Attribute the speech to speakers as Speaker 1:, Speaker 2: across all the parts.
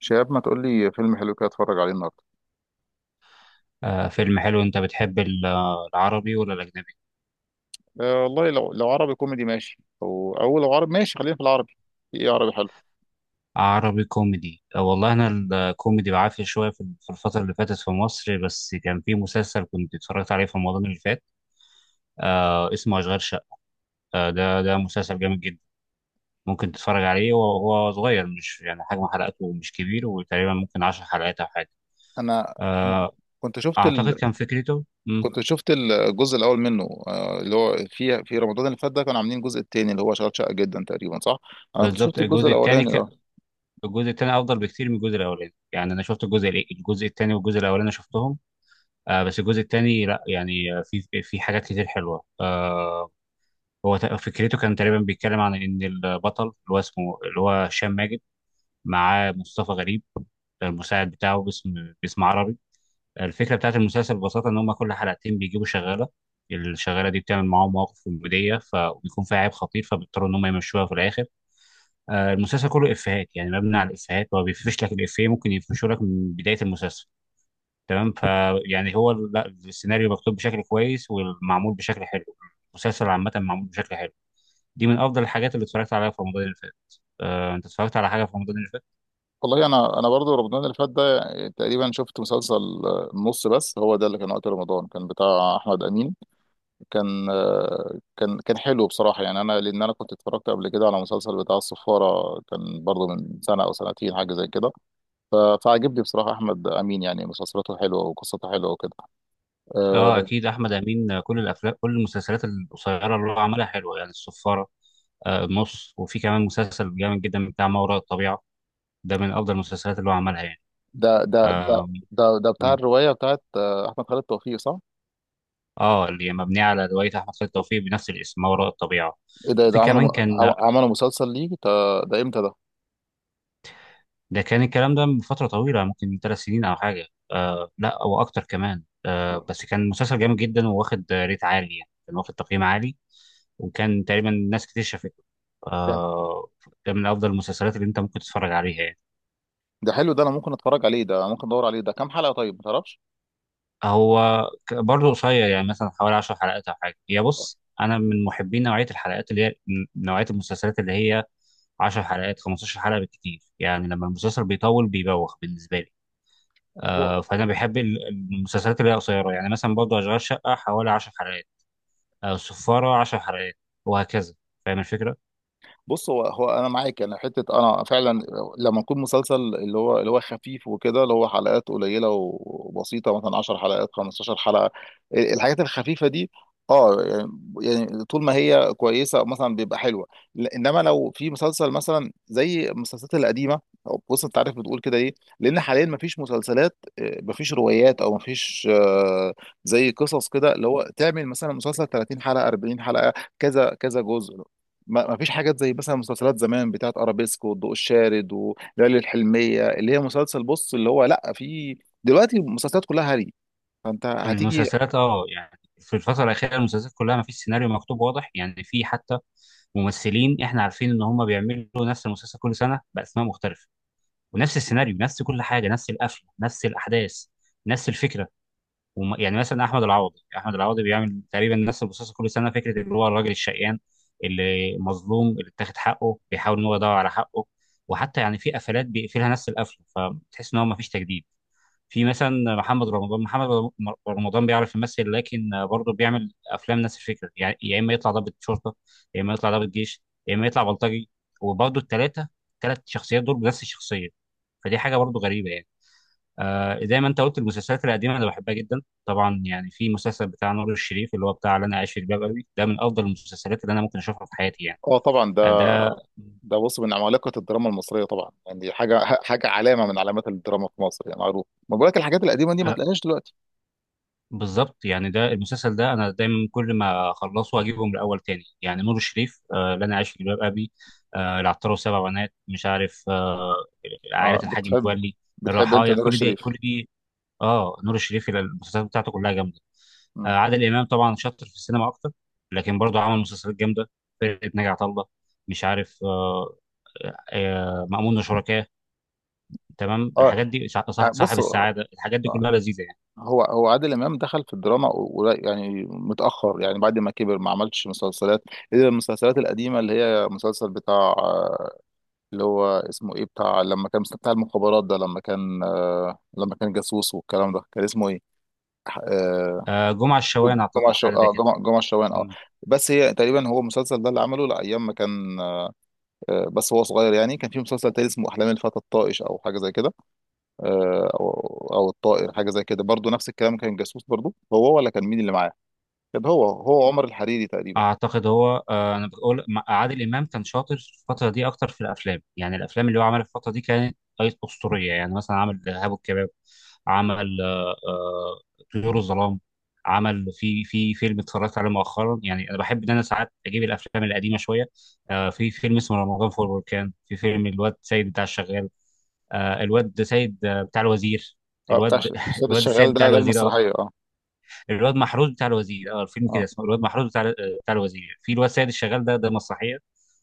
Speaker 1: شهاب، ما تقول لي فيلم حلو كده اتفرج عليه النهارده؟
Speaker 2: آه، فيلم حلو. العربي ولا الاجنبي؟
Speaker 1: أه والله لو عربي كوميدي ماشي. او لو عربي ماشي، خلينا في العربي. في ايه عربي حلو؟
Speaker 2: عربي كوميدي آه والله انا الكوميدي بعافيه شويه في الفتره اللي فاتت في مصر، بس كان في مسلسل كنت اتفرجت عليه في رمضان اللي فات، آه اسمه اشغال شقه. آه، ده مسلسل جامد جدا. ممكن تتفرج عليه وهو صغير، مش يعني حجم حلقاته مش كبير، وتقريبا ممكن 10 حلقات او حاجه.
Speaker 1: انا كن-
Speaker 2: آه،
Speaker 1: كنت شفت
Speaker 2: اعتقد كان فكرته.
Speaker 1: كنت شفت الجزء الاول منه، اللي هو في رمضان اللي فات ده كانوا عاملين الجزء التاني اللي هو شغال شقه جدا تقريبا، صح. انا كنت
Speaker 2: بالظبط،
Speaker 1: شفت الجزء الاولاني ده.
Speaker 2: الجزء الثاني افضل بكتير من الجزء الاولاني. يعني انا شفت الجزء الثاني والجزء الاولاني شفتهم. آه، بس الجزء الثاني لا يعني في حاجات كتير حلوه آه. فكرته كان تقريبا بيتكلم عن ان البطل اللي هو اسمه اللي هو هشام ماجد، معاه مصطفى غريب المساعد بتاعه، باسم، باسم عربي. الفكره بتاعت المسلسل ببساطه ان هم كل حلقتين بيجيبوا شغاله. الشغاله دي بتعمل معاهم مواقف كوميديه، فبيكون فيها عيب خطير فبيضطروا ان هم يمشوها في الاخر. آه، المسلسل كله افيهات، يعني مبني على الافيهات. هو بيفرش لك الافيه ممكن يفرشه لك من بدايه المسلسل. تمام، فيعني هو ال- لا السيناريو مكتوب بشكل كويس والمعمول بشكل حلو. المسلسل عامة معمول بشكل حلو. دي من أفضل الحاجات اللي اتفرجت عليها في رمضان اللي فات. آه، أنت اتفرجت على حاجة في رمضان اللي فات؟
Speaker 1: والله انا برضو رمضان اللي فات ده، تقريبا شفت مسلسل، نص. بس هو ده اللي كان وقت رمضان كان بتاع احمد امين. كان آه، كان كان حلو بصراحة. يعني أنا، لأن أنا كنت اتفرجت قبل كده على مسلسل بتاع الصفارة، كان برضه من سنة أو سنتين حاجة زي كده. ف- فعجبني بصراحة أحمد أمين، يعني مسلسلاته حلوة وقصته حلوة وكده.
Speaker 2: أه،
Speaker 1: آه،
Speaker 2: أكيد. أحمد أمين آه، كل الأفلام كل المسلسلات القصيرة اللي هو عملها حلوة، يعني الصفارة آه، النص. وفي كمان مسلسل جامد جدا بتاع ما وراء الطبيعة. ده من أفضل المسلسلات اللي هو عملها يعني.
Speaker 1: ده ده ده
Speaker 2: آم،
Speaker 1: ده بتاع
Speaker 2: م.
Speaker 1: الرواية بتاعت، أحمد خالد توفيق، صح؟
Speaker 2: اه اللي هي مبنية على رواية أحمد خالد توفيق بنفس الاسم، ما وراء الطبيعة.
Speaker 1: إيه، ده
Speaker 2: وفي
Speaker 1: ده
Speaker 2: كمان
Speaker 1: عملوا
Speaker 2: كان،
Speaker 1: عملوا مسلسل ليه؟ ده إمتى ده؟
Speaker 2: ده كان الكلام ده من فترة طويلة، ممكن من ثلاث سنين أو حاجة. آه لا، أو أكتر كمان. آه بس كان مسلسل جامد جدا، وواخد ريت عالي، يعني كان واخد تقييم عالي وكان تقريبا ناس كتير شافته.
Speaker 1: ده
Speaker 2: آه، ده من أفضل المسلسلات اللي أنت ممكن تتفرج عليها يعني.
Speaker 1: ده حلو ده. أنا ممكن أتفرج عليه، ده ممكن أدور عليه. ده كام حلقة طيب، ما تعرفش؟
Speaker 2: برضه قصير يعني، مثلا حوالي 10 حلقات أو حاجة. هي بص، أنا من محبين نوعية الحلقات اللي هي نوعية المسلسلات اللي هي 10 حلقات، 15 حلقة بالكتير. يعني لما المسلسل بيطول بيبوخ بالنسبة لي.
Speaker 1: هو
Speaker 2: آه، فانا بحب المسلسلات اللي هي قصيره. يعني مثلا برضه اشغال شقه حوالي 10 حلقات، او السفاره 10 حلقات، وهكذا. فاهم الفكره؟
Speaker 1: بص هو هو انا معاك، انا حته انا فعلا لما يكون مسلسل اللي هو خفيف وكده، اللي هو حلقات قليله وبسيطه مثلا 10 حلقات، 15 حلقه، الحاجات الخفيفه دي. اه يعني، يعني طول ما هي كويسه مثلا بيبقى حلوه. انما لو في مسلسل مثلا زي المسلسلات القديمه، أو بص، انت عارف بتقول كده ليه؟ لان حاليا مفيش مسلسلات، مفيش روايات، او مفيش زي قصص كده اللي هو تعمل مثلا مسلسل 30 حلقه، 40 حلقه، كذا كذا جزء. ما فيش حاجات زي مثلا مسلسلات زمان بتاعت ارابيسكو والضوء الشارد وليالي الحلميه، اللي هي مسلسل، بص، اللي هو لا. في دلوقتي المسلسلات كلها هري، فانت هتيجي.
Speaker 2: المسلسلات اه، يعني في الفتره الاخيره المسلسلات كلها ما فيش سيناريو مكتوب واضح. يعني في حتى ممثلين احنا عارفين ان هم بيعملوا نفس المسلسل كل سنه باسماء مختلفه، ونفس السيناريو، نفس كل حاجه، نفس القفله، نفس الاحداث، نفس الفكره. يعني مثلا احمد العوضي بيعمل تقريبا نفس البصاصه كل سنه، فكره اللي هو الراجل الشقيان اللي مظلوم اللي اتاخد حقه بيحاول ان هو يدور على حقه، وحتى يعني في قفلات بيقفلها نفس القفله، فتحس ان هو ما فيش تجديد. في مثلا محمد رمضان محمد رم- رمضان بيعرف يمثل لكن برضه بيعمل افلام نفس الفكره. يعني يا اما يطلع ضابط شرطه، يا اما يطلع ضابط جيش، يا اما يطلع بلطجي، وبرضه الثلاث شخصيات دول بنفس الشخصيه. فدي حاجه برضه غريبه يعني. آه، زي ما انت قلت المسلسلات القديمه انا بحبها جدا. طبعا يعني في مسلسل بتاع نور الشريف، اللي هو بتاع اللي انا عايش في جلباب ابي، ده من افضل المسلسلات اللي انا ممكن اشوفها في حياتي يعني.
Speaker 1: اه طبعا،
Speaker 2: آه،
Speaker 1: ده
Speaker 2: ده
Speaker 1: ده بص من عمالقه الدراما المصريه طبعا، يعني دي حاجه علامه من علامات الدراما في مصر. يعني معروف، ما بقولك الحاجات القديمه دي ما
Speaker 2: آه،
Speaker 1: تلاقيهاش دلوقتي.
Speaker 2: بالظبط. يعني ده المسلسل ده انا دايما كل ما اخلصه اجيبه من الاول تاني. يعني نور الشريف آه، اللي انا عايش في جلباب ابي، آه، العطار وسبع بنات، مش عارف آه، عائله
Speaker 1: اه،
Speaker 2: الحاج
Speaker 1: بتحب
Speaker 2: متولي،
Speaker 1: بتحب انت
Speaker 2: الرحايا،
Speaker 1: نور
Speaker 2: كل دي كل
Speaker 1: الشريف؟
Speaker 2: دي اه نور الشريف المسلسلات بتاعته كلها جامده.
Speaker 1: مم.
Speaker 2: آه عادل امام طبعا شاطر في السينما اكتر، لكن برضه عمل مسلسلات جامده. فرقه ناجي عطا الله، مش عارف آه، آه، مأمون وشركاه. تمام،
Speaker 1: اه،
Speaker 2: الحاجات دي، صاحب
Speaker 1: بص،
Speaker 2: السعاده، الحاجات دي
Speaker 1: آه.
Speaker 2: كلها لذيذه يعني.
Speaker 1: هو عادل امام دخل في الدراما، يعني متاخر، يعني بعد ما كبر ما عملش مسلسلات، الا المسلسلات القديمه اللي هي مسلسل بتاع، اللي هو اسمه ايه، بتاع لما كان بتاع المخابرات ده، لما كان، لما كان جاسوس والكلام ده، كان اسمه ايه؟ آه،
Speaker 2: آه جمعه الشوان، اعتقد حاجه زي كده.
Speaker 1: جمعة الشوان، اه. بس هي تقريبا هو المسلسل ده اللي عمله لايام ما كان، بس هو صغير. يعني كان في مسلسل تاني اسمه احلام الفتى الطائش، او حاجه زي كده، آه، او او الطائر، حاجه زي كده برضو، نفس الكلام كان جاسوس برضو هو، ولا كان مين اللي معاه؟ كان هو عمر الحريري تقريبا.
Speaker 2: اعتقد هو آه، انا بقول عادل امام كان شاطر في الفتره دي اكتر في الافلام. يعني الافلام اللي هو عملها في الفتره دي كانت اسطوريه. يعني مثلا عمل ارهاب والكباب، عمل طيور الظلام، عمل في فيلم اتفرجت عليه مؤخرا. يعني انا بحب ان انا ساعات اجيب الافلام القديمه شويه. آه، في فيلم اسمه رمضان فوق البركان، في فيلم الواد سيد بتاع الشغال، آه، الواد سيد آه، بتاع الوزير.
Speaker 1: اه، بتاع،
Speaker 2: الواد
Speaker 1: الاستاذ
Speaker 2: الواد السيد
Speaker 1: الشغال،
Speaker 2: بتاع
Speaker 1: ده
Speaker 2: الوزير،
Speaker 1: المسرحيه، اه.
Speaker 2: الواد محروس بتاع الوزير. اه، الفيلم كده
Speaker 1: اه،
Speaker 2: اسمه الواد محروس بتاع الوزير. في الواد سيد الشغال، ده مسرحيه.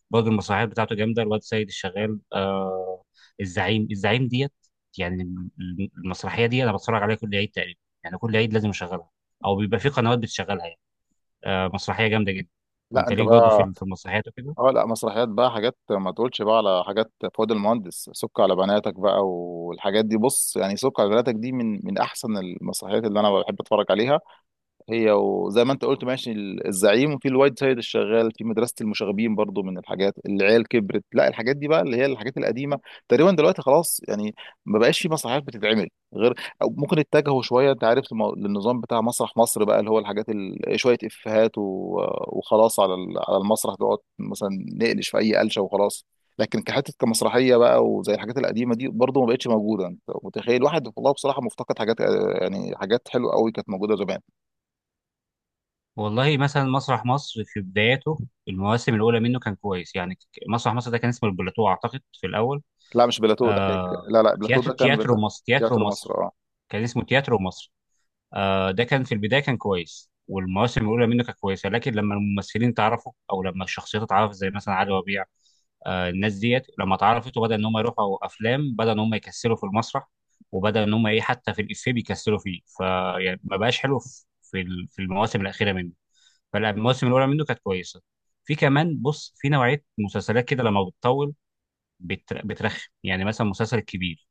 Speaker 2: برضه المسرحيات بتاعته جامده. الواد سيد الشغال آه، الزعيم، ديت. يعني المسرحيه دي انا بتفرج عليها كل عيد تقريبا. يعني كل عيد لازم اشغلها، او بيبقى في قنوات بتشغلها يعني. آه، مسرحيه جامده جدا.
Speaker 1: لا،
Speaker 2: انت
Speaker 1: انت
Speaker 2: ليك برضه
Speaker 1: بقى.
Speaker 2: في المسرحيات وكده؟
Speaker 1: اه، لا، مسرحيات بقى، حاجات ما تقولش بقى على حاجات فؤاد المهندس. سك على بناتك بقى والحاجات دي، بص، يعني سك على بناتك دي من احسن المسرحيات اللي انا بحب اتفرج عليها. هي وزي ما انت قلت ماشي، الزعيم، وفي الوايد سايد الشغال، في مدرسة المشاغبين برضو من الحاجات. العيال كبرت، لا، الحاجات دي بقى اللي هي الحاجات القديمة تقريبا دلوقتي خلاص يعني، ما بقاش في مسرحيات بتتعمل، غير، أو ممكن اتجهوا شوية، انت عارف، للنظام بتاع مسرح مصر بقى، اللي هو الحاجات شوية افيهات و... وخلاص على على المسرح، نقعد مثلا نقلش في اي قلشة وخلاص. لكن كحتة كمسرحية بقى، وزي الحاجات القديمة دي برضو ما بقتش موجودة. انت متخيل واحد؟ والله بصراحة مفتقد حاجات، يعني حاجات حلوة قوي كانت موجودة زمان.
Speaker 2: والله مثلا مسرح مصر في بداياته، المواسم الاولى منه كان كويس. مسرح مصر ده كان اسمه البلاتو اعتقد في الاول.
Speaker 1: لا، مش بلاتو، لا،
Speaker 2: آه،
Speaker 1: لا، لا، بلاتو ده كان
Speaker 2: تياترو
Speaker 1: بتاع
Speaker 2: مصر، تياترو
Speaker 1: تياترو مصر.
Speaker 2: مصر.
Speaker 1: اه.
Speaker 2: كان اسمه تياترو مصر. آه، ده كان في البدايه كان كويس، والمواسم الاولى منه كانت كويسه، لكن لما الممثلين تعرفوا، او لما الشخصيات اتعرفت زي مثلا علي ربيع، آه الناس ديت لما اتعرفت وبدا ان هم يروحوا افلام، بدا ان هم يكسلوا في المسرح، وبدا ان هم ايه، حتى في الافيه بيكسلوا فيه. فيعني ما بقاش حلو في في المواسم الاخيره منه. فلا، المواسم الاولى منه كانت كويسه. في كمان بص، في نوعيه مسلسلات كده لما بتطول بترخم. يعني مثلا مسلسل الكبير،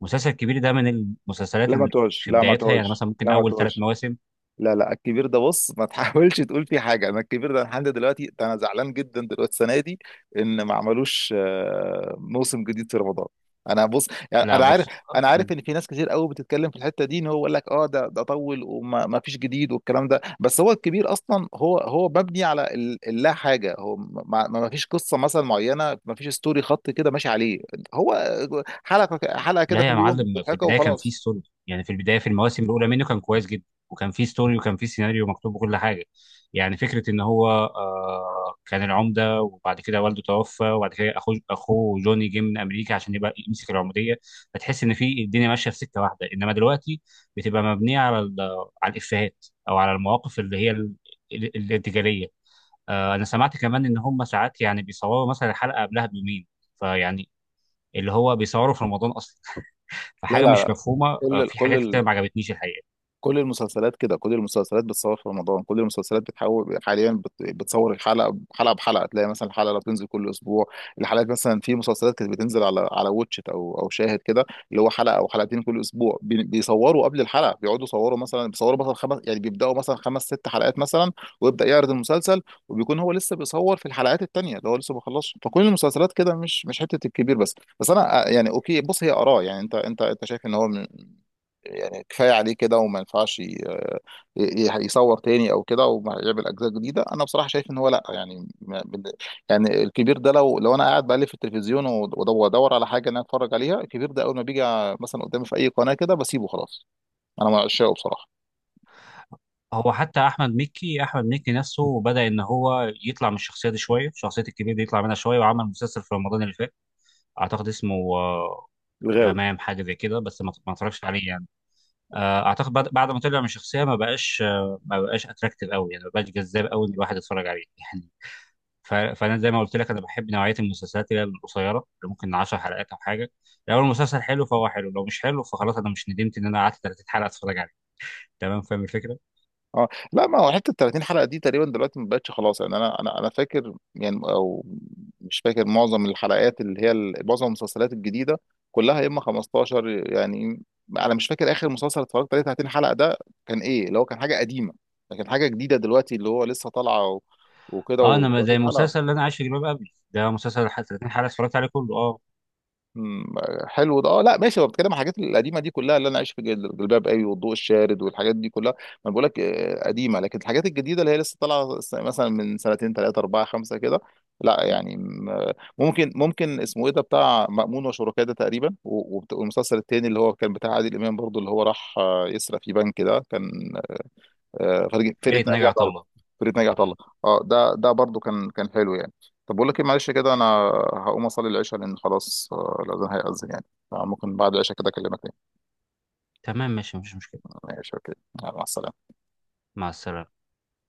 Speaker 2: مسلسل كبير ده من المسلسلات
Speaker 1: لا ما
Speaker 2: اللي
Speaker 1: تقولش،
Speaker 2: في
Speaker 1: لا ما
Speaker 2: بدايتها، يعني
Speaker 1: تقولش،
Speaker 2: مثلا ممكن
Speaker 1: لا ما
Speaker 2: اول ثلاث
Speaker 1: تقولش،
Speaker 2: مواسم.
Speaker 1: لا، لا. الكبير ده بص ما تحاولش تقول فيه حاجه. انا الكبير ده لحد دلوقتي، ده انا زعلان جدا دلوقتي السنه دي ان ما عملوش، موسم جديد في رمضان. انا بص، يعني
Speaker 2: لا
Speaker 1: انا عارف،
Speaker 2: بص،
Speaker 1: انا عارف
Speaker 2: مم.
Speaker 1: ان في ناس كتير قوي بتتكلم في الحته دي، ان هو يقول لك اه ده ده طول، وما ما فيش جديد والكلام ده. بس هو الكبير اصلا هو مبني على اللا حاجه. هو ما, ما فيش قصه مثلا معينه، ما فيش ستوري، خط كده ماشي عليه. هو حلقه حلقه كده
Speaker 2: لا
Speaker 1: في
Speaker 2: يا
Speaker 1: اليوم
Speaker 2: معلم، في
Speaker 1: مضحكه
Speaker 2: البدايه كان فيه
Speaker 1: وخلاص.
Speaker 2: ستوري. يعني في البدايه في المواسم الاولى منه كان كويس جدا، وكان فيه ستوري، وكان فيه سيناريو مكتوب وكل حاجه. يعني فكره ان هو آه، كان العمده وبعد كده والده توفى، وبعد كده اخوه جوني جه من امريكا عشان يبقى يمسك العموديه. فتحس ان في الدنيا ماشيه في سكه واحده، انما دلوقتي بتبقى مبنيه على الافيهات، او على المواقف اللي هي ال- ال- الارتجاليه. آه، انا سمعت كمان ان هم ساعات يعني بيصوروا مثلا الحلقه قبلها بيومين. فيعني اللي هو بيصوروا في رمضان اصلا.
Speaker 1: لا،
Speaker 2: فحاجه
Speaker 1: لا،
Speaker 2: مش مفهومه. آه،
Speaker 1: لا، كل
Speaker 2: في حاجات
Speaker 1: كل
Speaker 2: كتير ما عجبتنيش الحقيقه.
Speaker 1: كل المسلسلات كده. كل المسلسلات بتصور في رمضان. كل المسلسلات بتحاول حاليا بتصور الحلقه حلقه بحلقه. تلاقي مثلا الحلقه لو بتنزل كل اسبوع، الحلقات مثلا في مسلسلات كانت بتنزل على واتشت او شاهد كده، اللي هو حلقه او حلقتين كل اسبوع، بيصوروا قبل الحلقه، بيقعدوا يصوروا مثلا، بيصوروا مثلا خمس يعني، بيبداوا مثلا خمس ست حلقات مثلا، ويبدا يعرض المسلسل، وبيكون هو لسه بيصور في الحلقات التانيه اللي هو لسه ما خلصش. فكل المسلسلات كده، مش حته الكبير بس انا، يعني اوكي، بص، هي اراء. يعني انت شايف ان هو يعني كفايه عليه كده وما ينفعش يصور تاني او كده وما يعمل اجزاء جديده. انا بصراحه شايف ان هو لا. يعني يعني الكبير ده لو انا قاعد بقلب في التلفزيون وادور على حاجه ان انا اتفرج عليها، الكبير ده اول ما بيجي مثلا قدامي في اي قناه كده بسيبه خلاص. انا من عشاقه بصراحه.
Speaker 2: هو حتى احمد مكي نفسه بدا ان هو يطلع من الشخصيه دي شويه، شخصيه الكبير دي يطلع منها شويه، وعمل مسلسل في رمضان اللي فات اعتقد اسمه آه،
Speaker 1: الغاوي.
Speaker 2: غمام حاجه زي كده، بس ما ما اتفرجش عليه يعني. آه، اعتقد بعد ما طلع من الشخصيه ما بقاش ما بقاش اتراكتيف قوي، يعني ما بقاش جذاب قوي ان الواحد يتفرج عليه يعني. فانا زي ما قلت لك انا بحب نوعيه المسلسلات اللي هي القصيره، اللي ممكن 10 حلقات او حاجه. لو المسلسل حلو فهو حلو، لو مش حلو فخلاص، انا مش ندمت ان انا قعدت 30 حلقه اتفرج عليه. تمام، فاهم الفكره؟
Speaker 1: اه، لا، ما هو حته 30 حلقه دي تقريبا دلوقتي ما بقتش خلاص يعني. انا انا فاكر، يعني، او مش فاكر معظم الحلقات اللي هي معظم المسلسلات الجديده كلها يا اما 15 يعني. انا مش فاكر اخر مسلسل اتفرجت عليه 30 حلقه ده كان ايه، اللي هو كان حاجه قديمه، لكن حاجه جديده دلوقتي اللي هو لسه طالعه وكده
Speaker 2: اه. انا ما- زي
Speaker 1: و30
Speaker 2: المسلسل
Speaker 1: حلقه.
Speaker 2: اللي انا عايش في جلباب ابي، ده مسلسل 30 حلقه اتفرجت عليه كله اه.
Speaker 1: مم، حلو ده. اه لا ماشي، هو بتكلم عن الحاجات القديمه دي كلها، اللي انا عايش في جلباب قوي والضوء الشارد والحاجات دي كلها، ما بقول لك، قديمه، لكن الحاجات الجديده اللي هي لسه طالعه مثلا من سنتين ثلاثه اربعه خمسه كده، لا يعني ممكن اسمه ايه ده بتاع مأمون وشركاه ده تقريبا، والمسلسل التاني اللي هو كان بتاع عادل امام برضو اللي هو راح، يسرق في بنك ده كان، فرقه
Speaker 2: فرقه ناجي
Speaker 1: ناجي عطا
Speaker 2: عطا
Speaker 1: الله،
Speaker 2: الله
Speaker 1: فرقه ناجي عطا الله.
Speaker 2: م-
Speaker 1: اه، ده برضو كان حلو يعني. طب بقول لك ايه، معلش كده انا هقوم اصلي العشاء لان خلاص، الاذان هيأذن يعني. فممكن بعد العشاء كده اكلمك تاني.
Speaker 2: تمام، ماشي، مفيش مشكله.
Speaker 1: ماشي، اوكي. يلا، مع السلامه.
Speaker 2: مع السلامه.